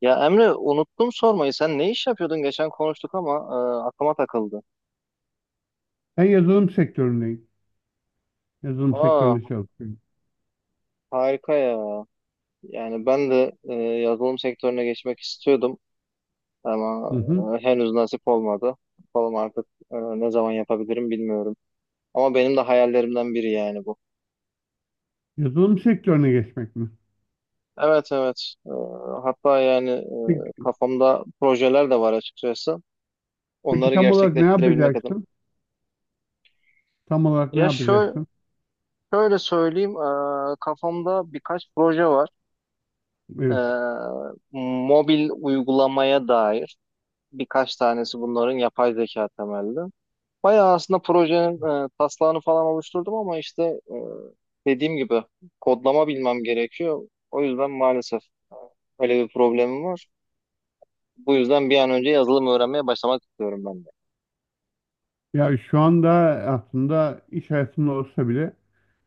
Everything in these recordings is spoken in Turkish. Ya Emre unuttum sormayı. Sen ne iş yapıyordun? Geçen konuştuk ama aklıma takıldı. Ben yazılım sektöründeyim. Yazılım Aa, sektöründe çalışıyorum. harika ya. Yani ben de yazılım sektörüne geçmek istiyordum Hı ama hı. Henüz nasip olmadı. Bakalım artık ne zaman yapabilirim bilmiyorum. Ama benim de hayallerimden biri yani bu. Yazılım sektörüne geçmek mi? Evet, evet. Hatta yani Peki, kafamda projeler de var açıkçası. peki Onları tam olarak ne gerçekleştirebilmek adına. yapacaksın? Tam olarak ne Ya yapacaksın? şöyle söyleyeyim. Kafamda birkaç proje var. Ee, Evet. mobil uygulamaya dair birkaç tanesi bunların yapay zeka temelli. Bayağı aslında projenin taslağını falan oluşturdum ama işte dediğim gibi kodlama bilmem gerekiyor. O yüzden maalesef öyle bir problemim var. Bu yüzden bir an önce yazılım öğrenmeye başlamak istiyorum ben de. Ya şu anda aslında iş hayatında olsa bile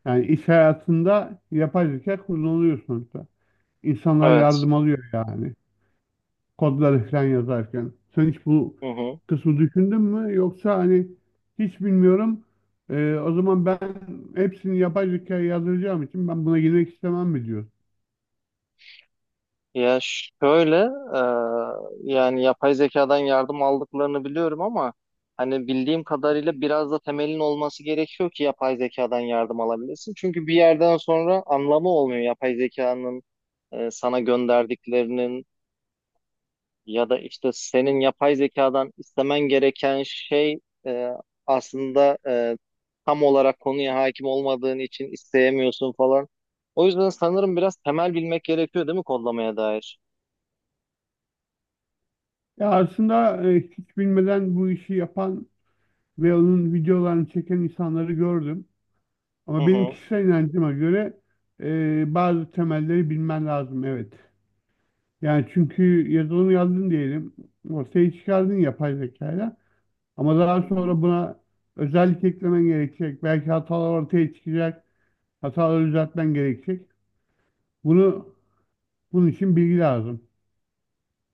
yani iş hayatında yapay zeka kullanılıyor sonuçta. İnsanlar Evet. yardım alıyor yani kodları falan yazarken. Sen hiç bu Hı hı. kısmı düşündün mü? Yoksa hani hiç bilmiyorum. O zaman ben hepsini yapay zekaya yazdıracağım için ben buna girmek istemem mi diyor. Ya şöyle, yani yapay zekadan yardım aldıklarını biliyorum ama hani bildiğim kadarıyla biraz da temelin olması gerekiyor ki yapay zekadan yardım alabilirsin. Çünkü bir yerden sonra anlamı olmuyor yapay zekanın sana gönderdiklerinin ya da işte senin yapay zekadan istemen gereken şey e, aslında tam olarak konuya hakim olmadığın için isteyemiyorsun falan. O yüzden sanırım biraz temel bilmek gerekiyor değil mi kodlamaya dair? Ya aslında hiç bilmeden bu işi yapan ve onun videolarını çeken insanları gördüm. Hı Ama benim hı. kişisel inancıma göre bazı temelleri bilmen lazım, evet. Yani çünkü yazılım yazdın diyelim. Ortaya çıkardın yapay zekayla. Ama daha Hmm. sonra buna özellik eklemen gerekecek. Belki hatalar ortaya çıkacak. Hataları düzeltmen gerekecek. Bunu bunun için bilgi lazım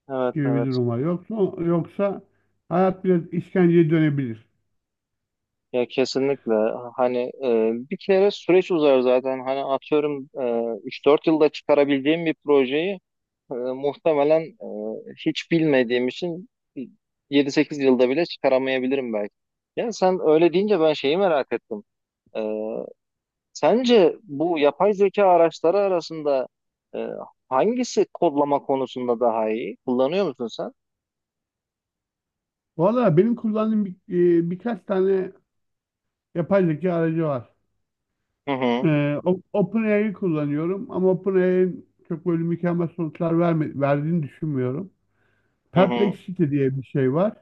Evet, gibi bir evet, durum var. Yoksa hayat biraz işkenceye dönebilir. ya kesinlikle, hani bir kere süreç uzar zaten hani atıyorum 3-4 yılda çıkarabildiğim bir projeyi muhtemelen hiç bilmediğim için 7-8 yılda bile çıkaramayabilirim belki. Ya sen öyle deyince ben şeyi merak ettim. E, sence bu yapay zeka araçları arasında e, hangisi kodlama konusunda daha iyi? Kullanıyor musun sen? Valla benim kullandığım bir, birkaç tane yapay zeka aracı var. Hı hı, OpenAI'yi kullanıyorum ama OpenAI'nin çok böyle mükemmel sonuçlar verdiğini düşünmüyorum. hı hı. Perplexity diye bir şey var.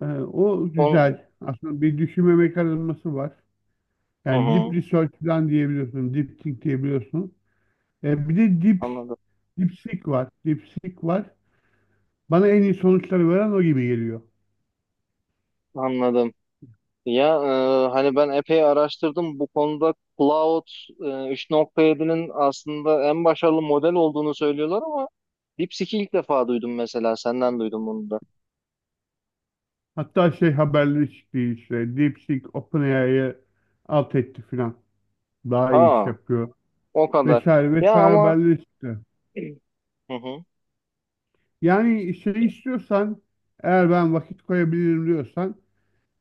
O Onu, güzel. Aslında bir düşünme mekanizması var. hı Yani deep hı. research falan diyebiliyorsun. Deep think diyebiliyorsun. Bir de Anladım. deep seek var. Deep seek var. Bana en iyi sonuçları veren o gibi geliyor. Anladım. Ya hani ben epey araştırdım bu konuda Cloud 3.7'nin aslında en başarılı model olduğunu söylüyorlar ama DeepSeek'i ilk defa duydum, mesela senden duydum bunu da. Hatta şey, haberleri çıktı işte. DeepSeek OpenAI'ye alt etti filan. Daha iyi Aa, iş yapıyor. o kadar. Vesaire Ya vesaire ama, haberleri çıktı. hı hı, Yani şey istiyorsan, eğer ben vakit koyabilirim diyorsan,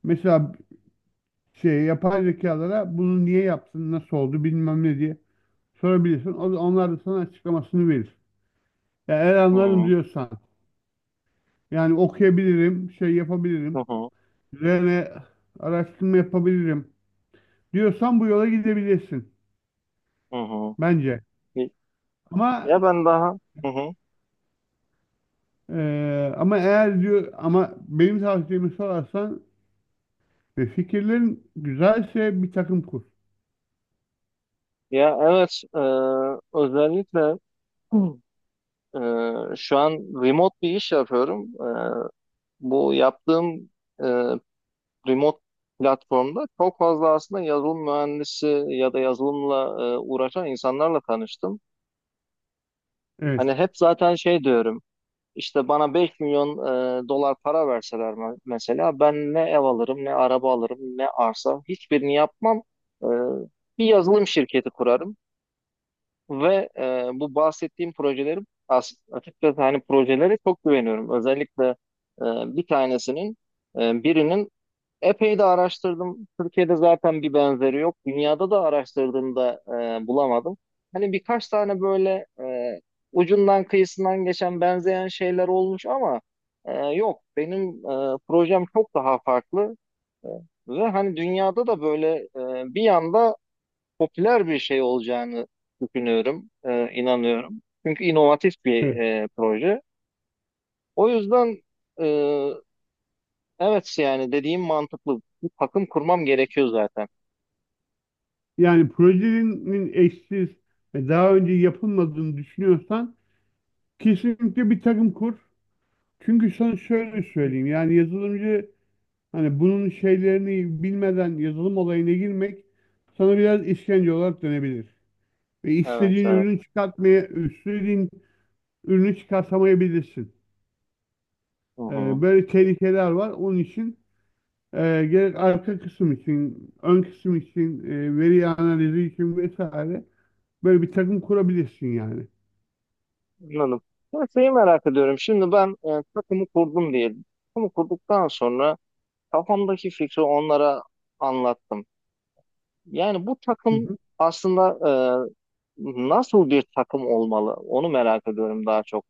mesela şey, yapay zekalara bunu niye yaptın, nasıl oldu, bilmem ne diye sorabilirsin. Onlar da sana açıklamasını verir. Ya eğer hı anlarım hı, diyorsan, yani okuyabilirim, şey hı yapabilirim, hı. üzerine araştırma yapabilirim diyorsan bu yola gidebilirsin Hı hı. bence. Ya Ama ben daha. Hı hı. ama eğer diyor, ama benim tavsiyemi sorarsan ve fikirlerin güzelse bir takım kur. Ya evet, özellikle. Hı. Şu an remote bir iş yapıyorum. Bu yaptığım e, remote platformda çok fazla aslında yazılım mühendisi ya da yazılımla uğraşan insanlarla tanıştım. Hani Evet. hep zaten şey diyorum. İşte bana 5 milyon dolar para verseler, mesela ben ne ev alırım, ne araba alırım, ne arsa, hiçbirini yapmam. E, bir yazılım şirketi kurarım ve bu bahsettiğim projeleri, açıkçası hani projelere çok güveniyorum. Özellikle e, bir tanesinin, birinin. Epey de araştırdım. Türkiye'de zaten bir benzeri yok. Dünyada da araştırdığımda bulamadım. Hani birkaç tane böyle ucundan kıyısından geçen benzeyen şeyler olmuş ama yok. Benim projem çok daha farklı. E, ve hani dünyada da böyle bir anda popüler bir şey olacağını düşünüyorum, inanıyorum. Çünkü inovatif bir proje. O yüzden e, evet, yani dediğim mantıklı. Bir takım kurmam gerekiyor zaten. Yani projenin eşsiz ve daha önce yapılmadığını düşünüyorsan kesinlikle bir takım kur. Çünkü sana şöyle söyleyeyim, yani yazılımcı, hani bunun şeylerini bilmeden yazılım olayına girmek sana biraz işkence olarak dönebilir. Ve Evet, istediğin evet. ürünü çıkartamayabilirsin. Hı hı. Böyle tehlikeler var. Onun için gerek arka kısım için, ön kısım için, veri analizi için vesaire, böyle bir takım kurabilirsin yani. Anladım. Ben şeyi merak ediyorum. Şimdi ben takımı kurdum diyelim. Takımı kurduktan sonra kafamdaki fikri onlara anlattım. Yani bu Hı takım hı. aslında nasıl bir takım olmalı? Onu merak ediyorum daha çok.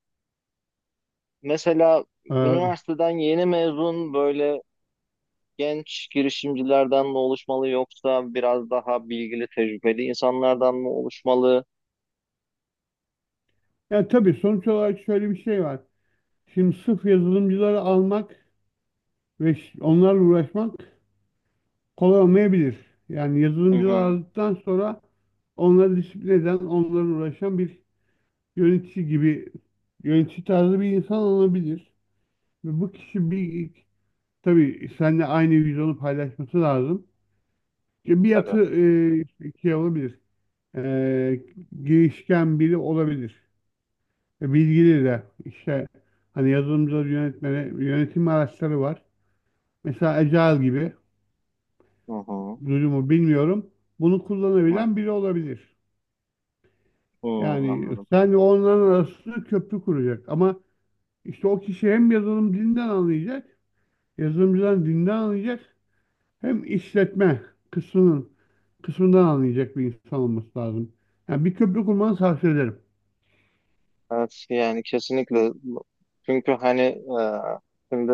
Mesela Ee, üniversiteden yeni mezun böyle genç girişimcilerden mi oluşmalı yoksa biraz daha bilgili, tecrübeli insanlardan mı oluşmalı? Yani tabii sonuç olarak şöyle bir şey var. Şimdi sırf yazılımcıları almak ve onlarla uğraşmak kolay olmayabilir. Yani Hı yazılımcıları hı. aldıktan sonra onları disiplin eden, onlarla uğraşan bir yönetici gibi, yönetici tarzı bir insan olabilir. Ve bu kişi bir, tabii seninle aynı vizyonu paylaşması lazım. İşte bir Tabii. yatı, şey olabilir. E, Girişken biri olabilir. Bilgili de. İşte hani yazılımcıları yönetmeni, yönetim araçları var. Mesela Agile gibi Hı hı. durumu bilmiyorum. Bunu Evet. kullanabilen biri olabilir. Hı, Yani anladım. sen onların arasında köprü kuracak. Ama işte o kişi hem yazılım dilinden anlayacak, yazılımcıdan dinden anlayacak, hem işletme kısmının kısmından anlayacak bir insan olması lazım. Yani bir köprü kurmanı tavsiye ederim. Evet, yani kesinlikle. Çünkü hani şimdi,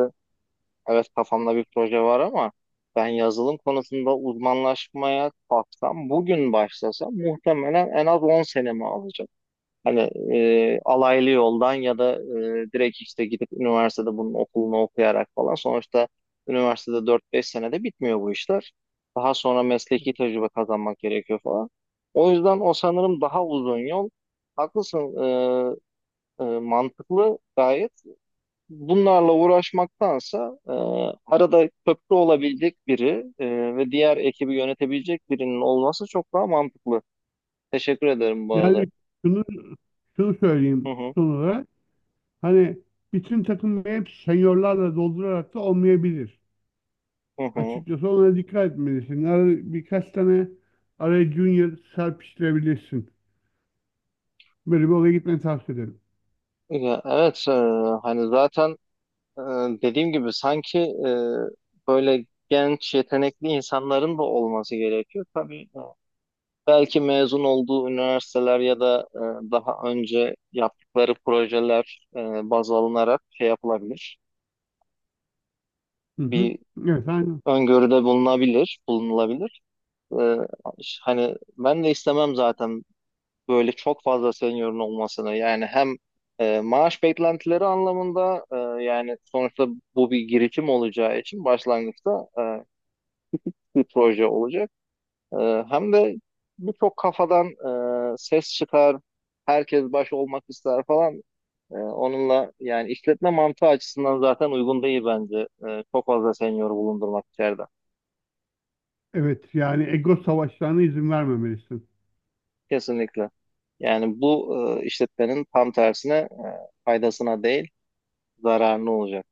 evet, kafamda bir proje var ama ben yazılım konusunda uzmanlaşmaya kalksam, bugün başlasam muhtemelen en az 10 senemi alacak. Hani alaylı yoldan ya da direkt işte gidip üniversitede bunun okulunu okuyarak falan. Sonuçta üniversitede 4-5 senede bitmiyor bu işler. Daha sonra mesleki tecrübe kazanmak gerekiyor falan. O yüzden o sanırım daha uzun yol. Haklısın. Mantıklı gayet. Bunlarla uğraşmaktansa arada köprü olabilecek biri ve diğer ekibi yönetebilecek birinin olması çok daha mantıklı. Teşekkür ederim bu arada. Yani şunu şunu Hı söyleyeyim hı, son olarak. Hani bütün takımı hep seniorlarla doldurarak da olmayabilir. hı hı. Açıkçası ona dikkat etmelisin. Birkaç tane araya junior serpiştirebilirsin. Böyle bir olaya gitmeni tavsiye ederim. Ya, evet, hani zaten e, dediğim gibi sanki böyle genç yetenekli insanların da olması gerekiyor. Tabii belki mezun olduğu üniversiteler ya da daha önce yaptıkları projeler baz alınarak şey yapılabilir. Hı hı. Bir Evet, aynen. öngörüde bulunabilir, bulunulabilir. Ee, hani ben de istemem zaten böyle çok fazla seniorun olmasını. Yani hem maaş beklentileri anlamında yani sonuçta bu bir girişim olacağı için başlangıçta bir proje olacak. E, hem de birçok kafadan ses çıkar, herkes baş olmak ister falan. Onunla yani işletme mantığı açısından zaten uygun değil bence. Çok fazla senior bulundurmak içeride. Evet, yani ego savaşlarına izin vermemelisin. Kesinlikle. Yani bu işletmenin tam tersine faydasına değil, zararına olacak.